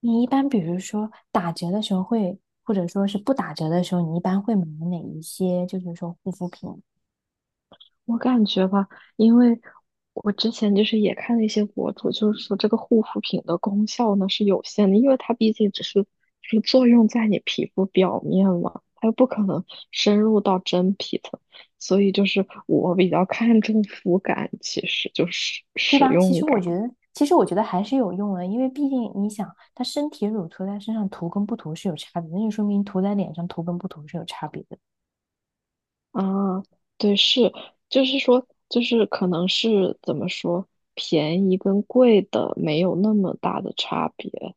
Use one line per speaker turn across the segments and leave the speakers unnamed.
你一般比如说打折的时候会，或者说是不打折的时候，你一般会买哪一些？就是说护肤品，
我感觉吧，因为我之前就是也看了一些博主，就是说这个护肤品的功效呢是有限的，因为它毕竟只是就是作用在你皮肤表面嘛，它又不可能深入到真皮层，所以就是我比较看重肤感，其实就是
对
使
吧？其
用
实我
感
觉得，其实我觉得还是有用的，因为毕竟你想，它身体乳涂在身上涂跟不涂是有差别的，那就说明涂在脸上涂跟不涂是有差别的。
啊，对，是，就是说，就是可能是怎么说，便宜跟贵的没有那么大的差别，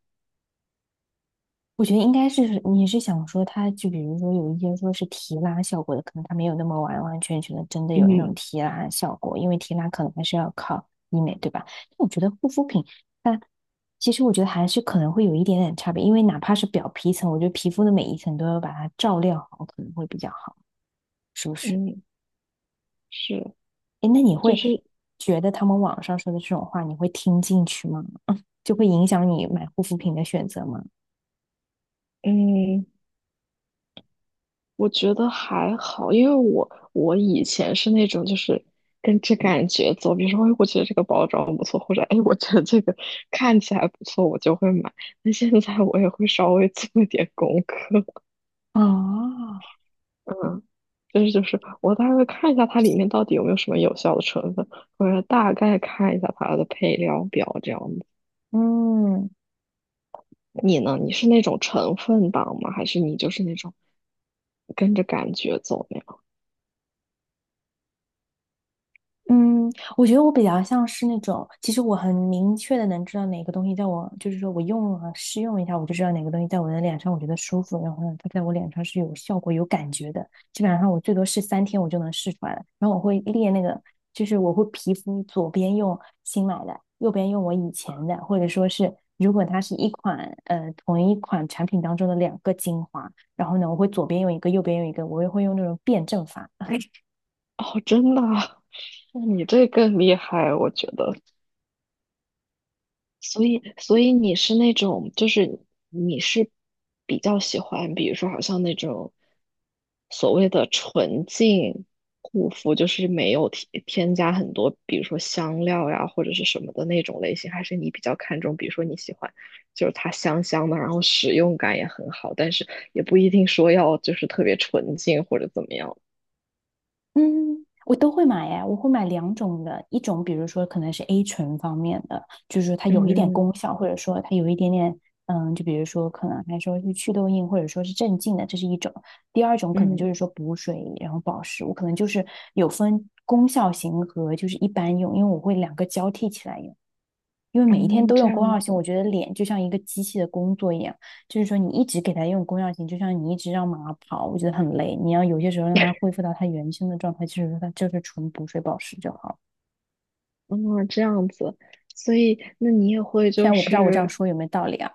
我觉得应该是你是想说它，就比如说有一些说是提拉效果的，可能它没有那么完完全全的真的有那种
嗯
提拉效果，因为提拉可能还是要靠医美，对吧？但我觉得护肤品它其实我觉得还是可能会有一点点差别，因为哪怕是表皮层，我觉得皮肤的每一层都要把它照料好，可能会比较好，是不是？
嗯。是，
诶，那你
就
会
是
觉得他们网上说的这种话，你会听进去吗？就会影响你买护肤品的选择吗？
嗯，我觉得还好，因为我以前是那种就是跟着感觉走，比如说，哎，我觉得这个包装不错，或者哎，我觉得这个看起来不错，我就会买。那现在我也会稍微做一点功课，
啊，
嗯，就是我大概会看一下它里面到底有没有什么有效的成分，或者大概看一下它的配料表这样子。
嗯。
你呢？你是那种成分党吗？还是你就是那种跟着感觉走？
嗯，我觉得我比较像是那种，其实我很明确的能知道哪个东西在我，就是说我用了试用一下，我就知道哪个东西在我的脸上我觉得舒服，然后呢，它在我脸上是有效果、有感觉的。基本上我最多试3天，我就能试出来了。然后我会列那个，就是我会皮肤左边用新买的，右边用我以前的，或者说是如果它是同一款产品当中的两个精华，然后呢，我会左边用一个，右边用一个，我也会用那种辩证法。
哦，真的啊。那你这更厉害，我觉得。所以，你是那种，就是你是比较喜欢，比如说，好像那种所谓的纯净护肤，就是没有添加很多，比如说香料呀或者是什么的那种类型，还是你比较看重，比如说你喜欢就是它香香的，然后使用感也很好，但是也不一定说要就是特别纯净或者怎么样。
嗯，我都会买呀，我会买两种的，一种比如说可能是 A 醇方面的，就是它有
嗯
一点
嗯
功效，或者说它有一点点，就比如说可能还说是祛痘印，或者说是镇静的，这是一种。第二种可能就
嗯，
是说补水，然后保湿，我可能就是有分功效型和就是一般用，因为我会两个交替起来用。因为每一天
嗯哦，
都
这
用功
样
效型，我
子。
觉得脸就像一个机器的工作一样，就是说你一直给它用功效型，就像你一直让马跑，我觉得很累。你要有些时候让它恢复到它原先的状态，就是说它就是纯补水保湿就好，
嗯，这样子，所以那你也会
虽
就
然我不知道我这样
是，
说有没有道理啊。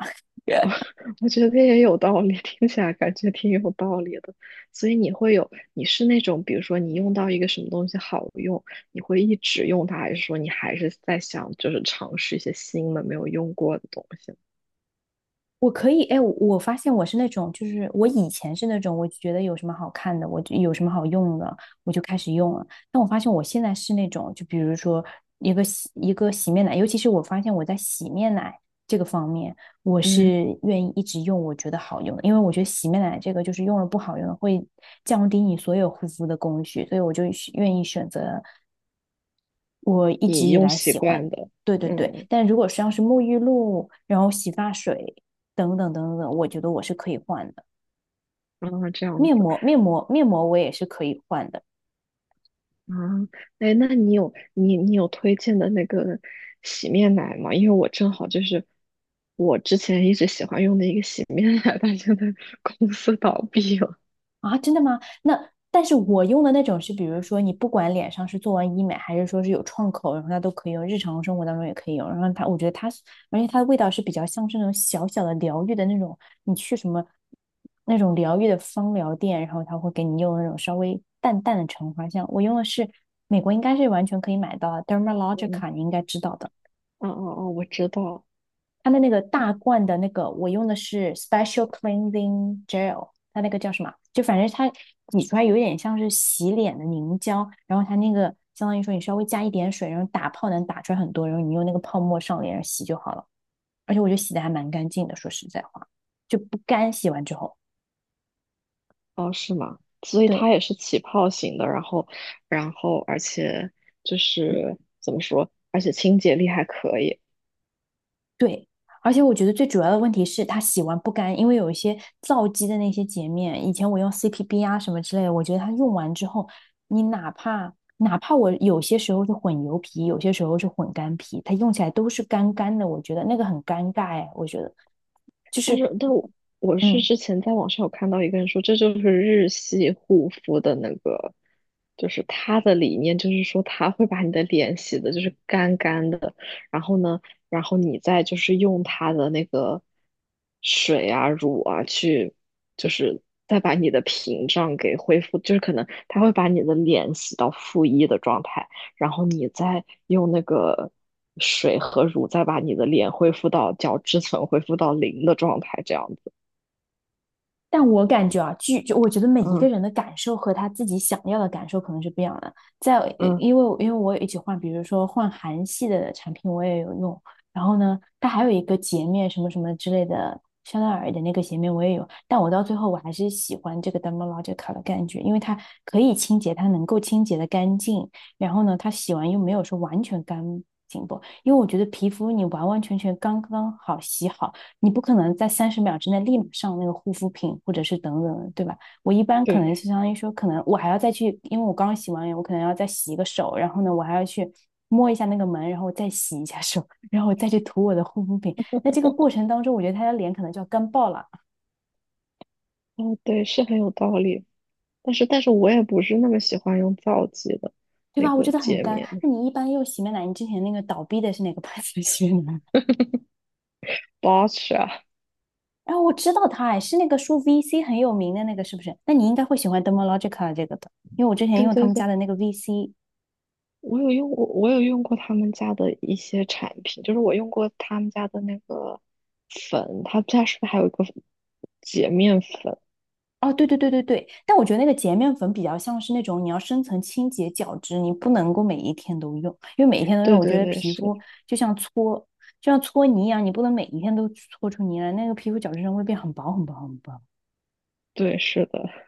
我觉得也有道理，听起来感觉挺有道理的。所以你会有，你是那种，比如说你用到一个什么东西好用，你会一直用它，还是说你还是在想就是尝试一些新的没有用过的东西？
我可以，哎，我发现我是那种，就是我以前是那种，我觉得有什么好看的，我就有什么好用的，我就开始用了。但我发现我现在是那种，就比如说一个洗面奶，尤其是我发现我在洗面奶这个方面，我
嗯，
是愿意一直用我觉得好用的，因为我觉得洗面奶这个就是用了不好用的会降低你所有护肤的工序，所以我就愿意选择。我一直
你
以
用
来
习
喜欢，
惯的，
对对对。
嗯，
但如果像是沐浴露，然后洗发水等等等等，我觉得我是可以换的。
啊，这样
面
子。
膜、面膜、面膜我也是可以换的。
啊，哎，那你有推荐的那个洗面奶吗？因为我正好就是我之前一直喜欢用的一个洗面奶，但现在 公司倒闭了。
啊，真的吗？那但是我用的那种是，比如说你不管脸上是做完医美，还是说是有创口，然后它都可以用，日常生活当中也可以用。然后它，我觉得它是，而且它的味道是比较像是那种小小的疗愈的那种，你去什么那种疗愈的芳疗店，然后它会给你用那种稍微淡淡的橙花香。我用的是美国应该是完全可以买到的
嗯，
Dermalogica，你应该知道的。
哦哦哦，我知道，
它的那个大罐的那个，我用的是 Special Cleansing Gel，它那个叫什么？就反正它挤出来有点像是洗脸的凝胶，然后它那个相当于说你稍微加一点水，然后打泡能打出来很多，然后你用那个泡沫上脸上洗就好了。而且我觉得洗的还蛮干净的，说实在话，就不干洗完之后。
哦，是吗？所以
对，
它也是起泡型的，然后而且就是怎么说，而且清洁力还可以。
对，而且我觉得最主要的问题是它洗完不干，因为有一些皂基的那些洁面，以前我用 CPB 啊什么之类的，我觉得它用完之后，你哪怕我有些时候是混油皮，有些时候是混干皮，它用起来都是干干的，我觉得那个很尴尬哎，我觉得就
但
是，
是，但我我是
嗯，
之前在网上有看到一个人说，这就是日系护肤的那个，就是他的理念就是说，他会把你的脸洗的就是干干的，然后呢，然后你再就是用他的那个水啊、乳啊去，就是再把你的屏障给恢复，就是可能他会把你的脸洗到负一的状态。然后你再用那个水和乳再把你的脸恢复到角质层恢复到零的状态，这样子。
但我感觉啊，据就我觉得每一个
嗯
人的感受和他自己想要的感受可能是不一样的。
嗯，
因为我有一起换，比如说换韩系的产品，我也有用。然后呢，它还有一个洁面什么什么之类的，香奈儿的那个洁面我也有。但我到最后我还是喜欢这个 Dermalogica 的感觉，因为它可以清洁，它能够清洁的干净。然后呢，它洗完又没有说完全干净不，因为我觉得皮肤你完完全全刚刚好洗好。你不可能在30秒之内立马上那个护肤品或者是等等对吧？我一般可
对，
能就相当于说，可能我还要再去，因为我刚刚洗完脸，我可能要再洗一个手，然后呢，我还要去摸一下那个门，然后再洗一下手，然后我再去涂我的护肤品。那这个过程当中，我觉得他的脸可能就要干爆了，
哦对，是很有道理。但是我也不是那么喜欢用皂基的
对
那
吧？我觉
个
得很
洁
干。
面
那你一般用洗面奶，你之前那个倒闭的是哪个牌子的洗面奶？
BOSH 啊，
哎，我知道它，哎，是那个说 VC 很有名的那个，是不是？那你应该会喜欢 Dermalogica 这个的，因为我之前
对
用他
对
们家
对，
的那个 VC
我有用过他们家的一些产品，就是我用过他们家的那个粉，他们家是不是还有一个洁面粉？
哦，对对对对对，但我觉得那个洁面粉比较像是那种你要深层清洁角质，你不能够每一天都用，因为每一天都用，
对
我觉
对
得
对，
皮
是，
肤就像搓就像搓泥一样，你不能每一天都搓出泥来，那个皮肤角质层会变很薄很薄很薄。
对是的。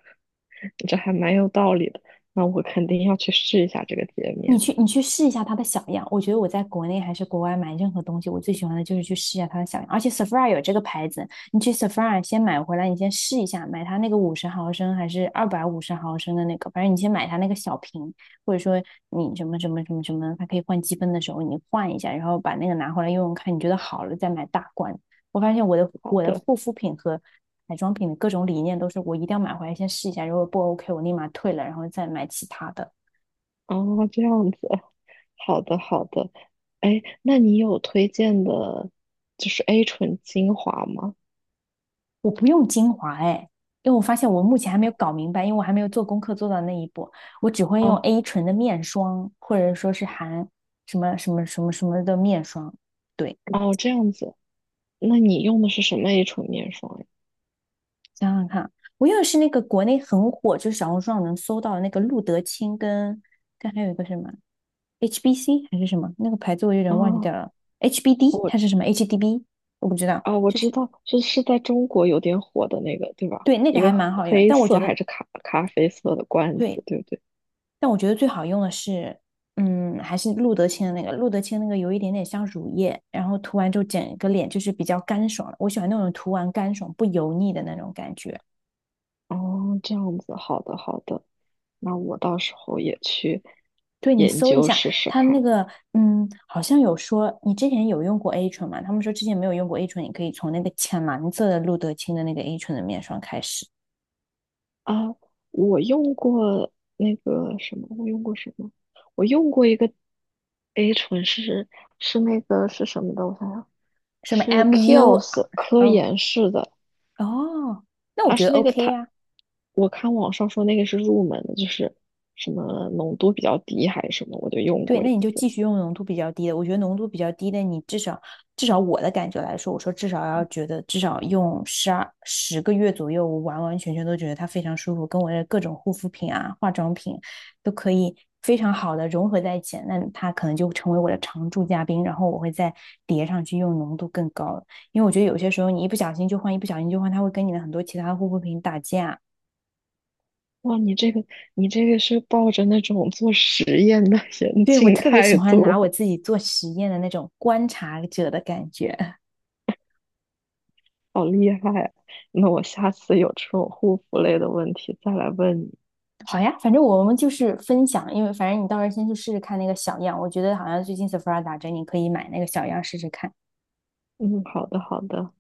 这还蛮有道理的。那我肯定要去试一下这个洁
你
面。
去你去试一下它的小样，我觉得我在国内还是国外买任何东西，我最喜欢的就是去试一下它的小样。而且 Sephora 有这个牌子，你去 Sephora 先买回来，你先试一下，买它那个五十毫升还是250毫升的那个，反正你先买它那个小瓶，或者说你什么什么什么什么，它可以换积分的时候你换一下，然后把那个拿回来用用看，你觉得好了再买大罐。我发现我的
好
我的
的，
护肤品和彩妆品的各种理念都是，我一定要买回来先试一下，如果不 OK 我立马退了，然后再买其他的。
哦，这样子，好的，好的。哎，那你有推荐的，就是 A 醇精华吗？
我不用精华哎，因为我发现我目前还没有搞明白，因为我还没有做功课做到那一步，我只会用
哦，
A 醇的面霜，或者说是含什么什么什么什么的面霜。对，
哦，这样子。那你用的是什么 A 醇面霜呀？
想想看，我用的是那个国内很火，就是小红书上能搜到的那个露得清跟还有一个什么 HBC 还是什么那个牌子，我有点忘记掉
啊，
了，HBD
我
还是什么 HDB，我不知道。
我知道，是在中国有点火的那个，对吧？
对，那个
一
还
个
蛮好用，
黑
但我觉
色
得
还是咖啡色的罐子，
对
对不对？
但我觉得最好用的是，嗯，还是露得清的那个，露得清那个有一点点像乳液，然后涂完之后整个脸就是比较干爽我喜欢那种涂完干爽不油腻的那种感觉。
哦，这样子，好的好的，那我到时候也去
对，你
研
搜一
究
下，
试试
它那
看
个，嗯，好像有说你之前有用过 A 醇嘛？他们说之前没有用过 A 醇，你可以从那个浅蓝色的露得清的那个 A 醇的面霜开始，
啊。我用过那个什么，我用过什么？我用过一个 A 醇是那个是什么的？我想想，
什么
是
MU，
Kiehl's 科
哦
颜氏的，
哦，那我
它
觉得
是那个
OK
它，
呀。
我看网上说那个是入门的，就是什么浓度比较低还是什么，我就用
对，
过一
那你就
次。
继续用浓度比较低的。我觉得浓度比较低的，你至少我的感觉来说，我说至少要觉得至少用十二十个月左右，我完完全全都觉得它非常舒服，跟我的各种护肤品啊、化妆品都可以非常好的融合在一起。那它可能就成为我的常驻嘉宾，然后我会再叠上去用浓度更高的，因为我觉得有些时候你一不小心就换，一不小心就换，它会跟你的很多其他护肤品打架。
哇，你这个是抱着那种做实验的 严
对，我
谨
特别喜
态
欢拿
度，
我自己做实验的那种观察者的感觉。
好厉害啊。那我下次有这种护肤类的问题再来问你。
好呀，反正我们就是分享，因为反正你到时候先去试试看那个小样，我觉得好像最近 Sephora 打折，你可以买那个小样试试看。
嗯，好的好的。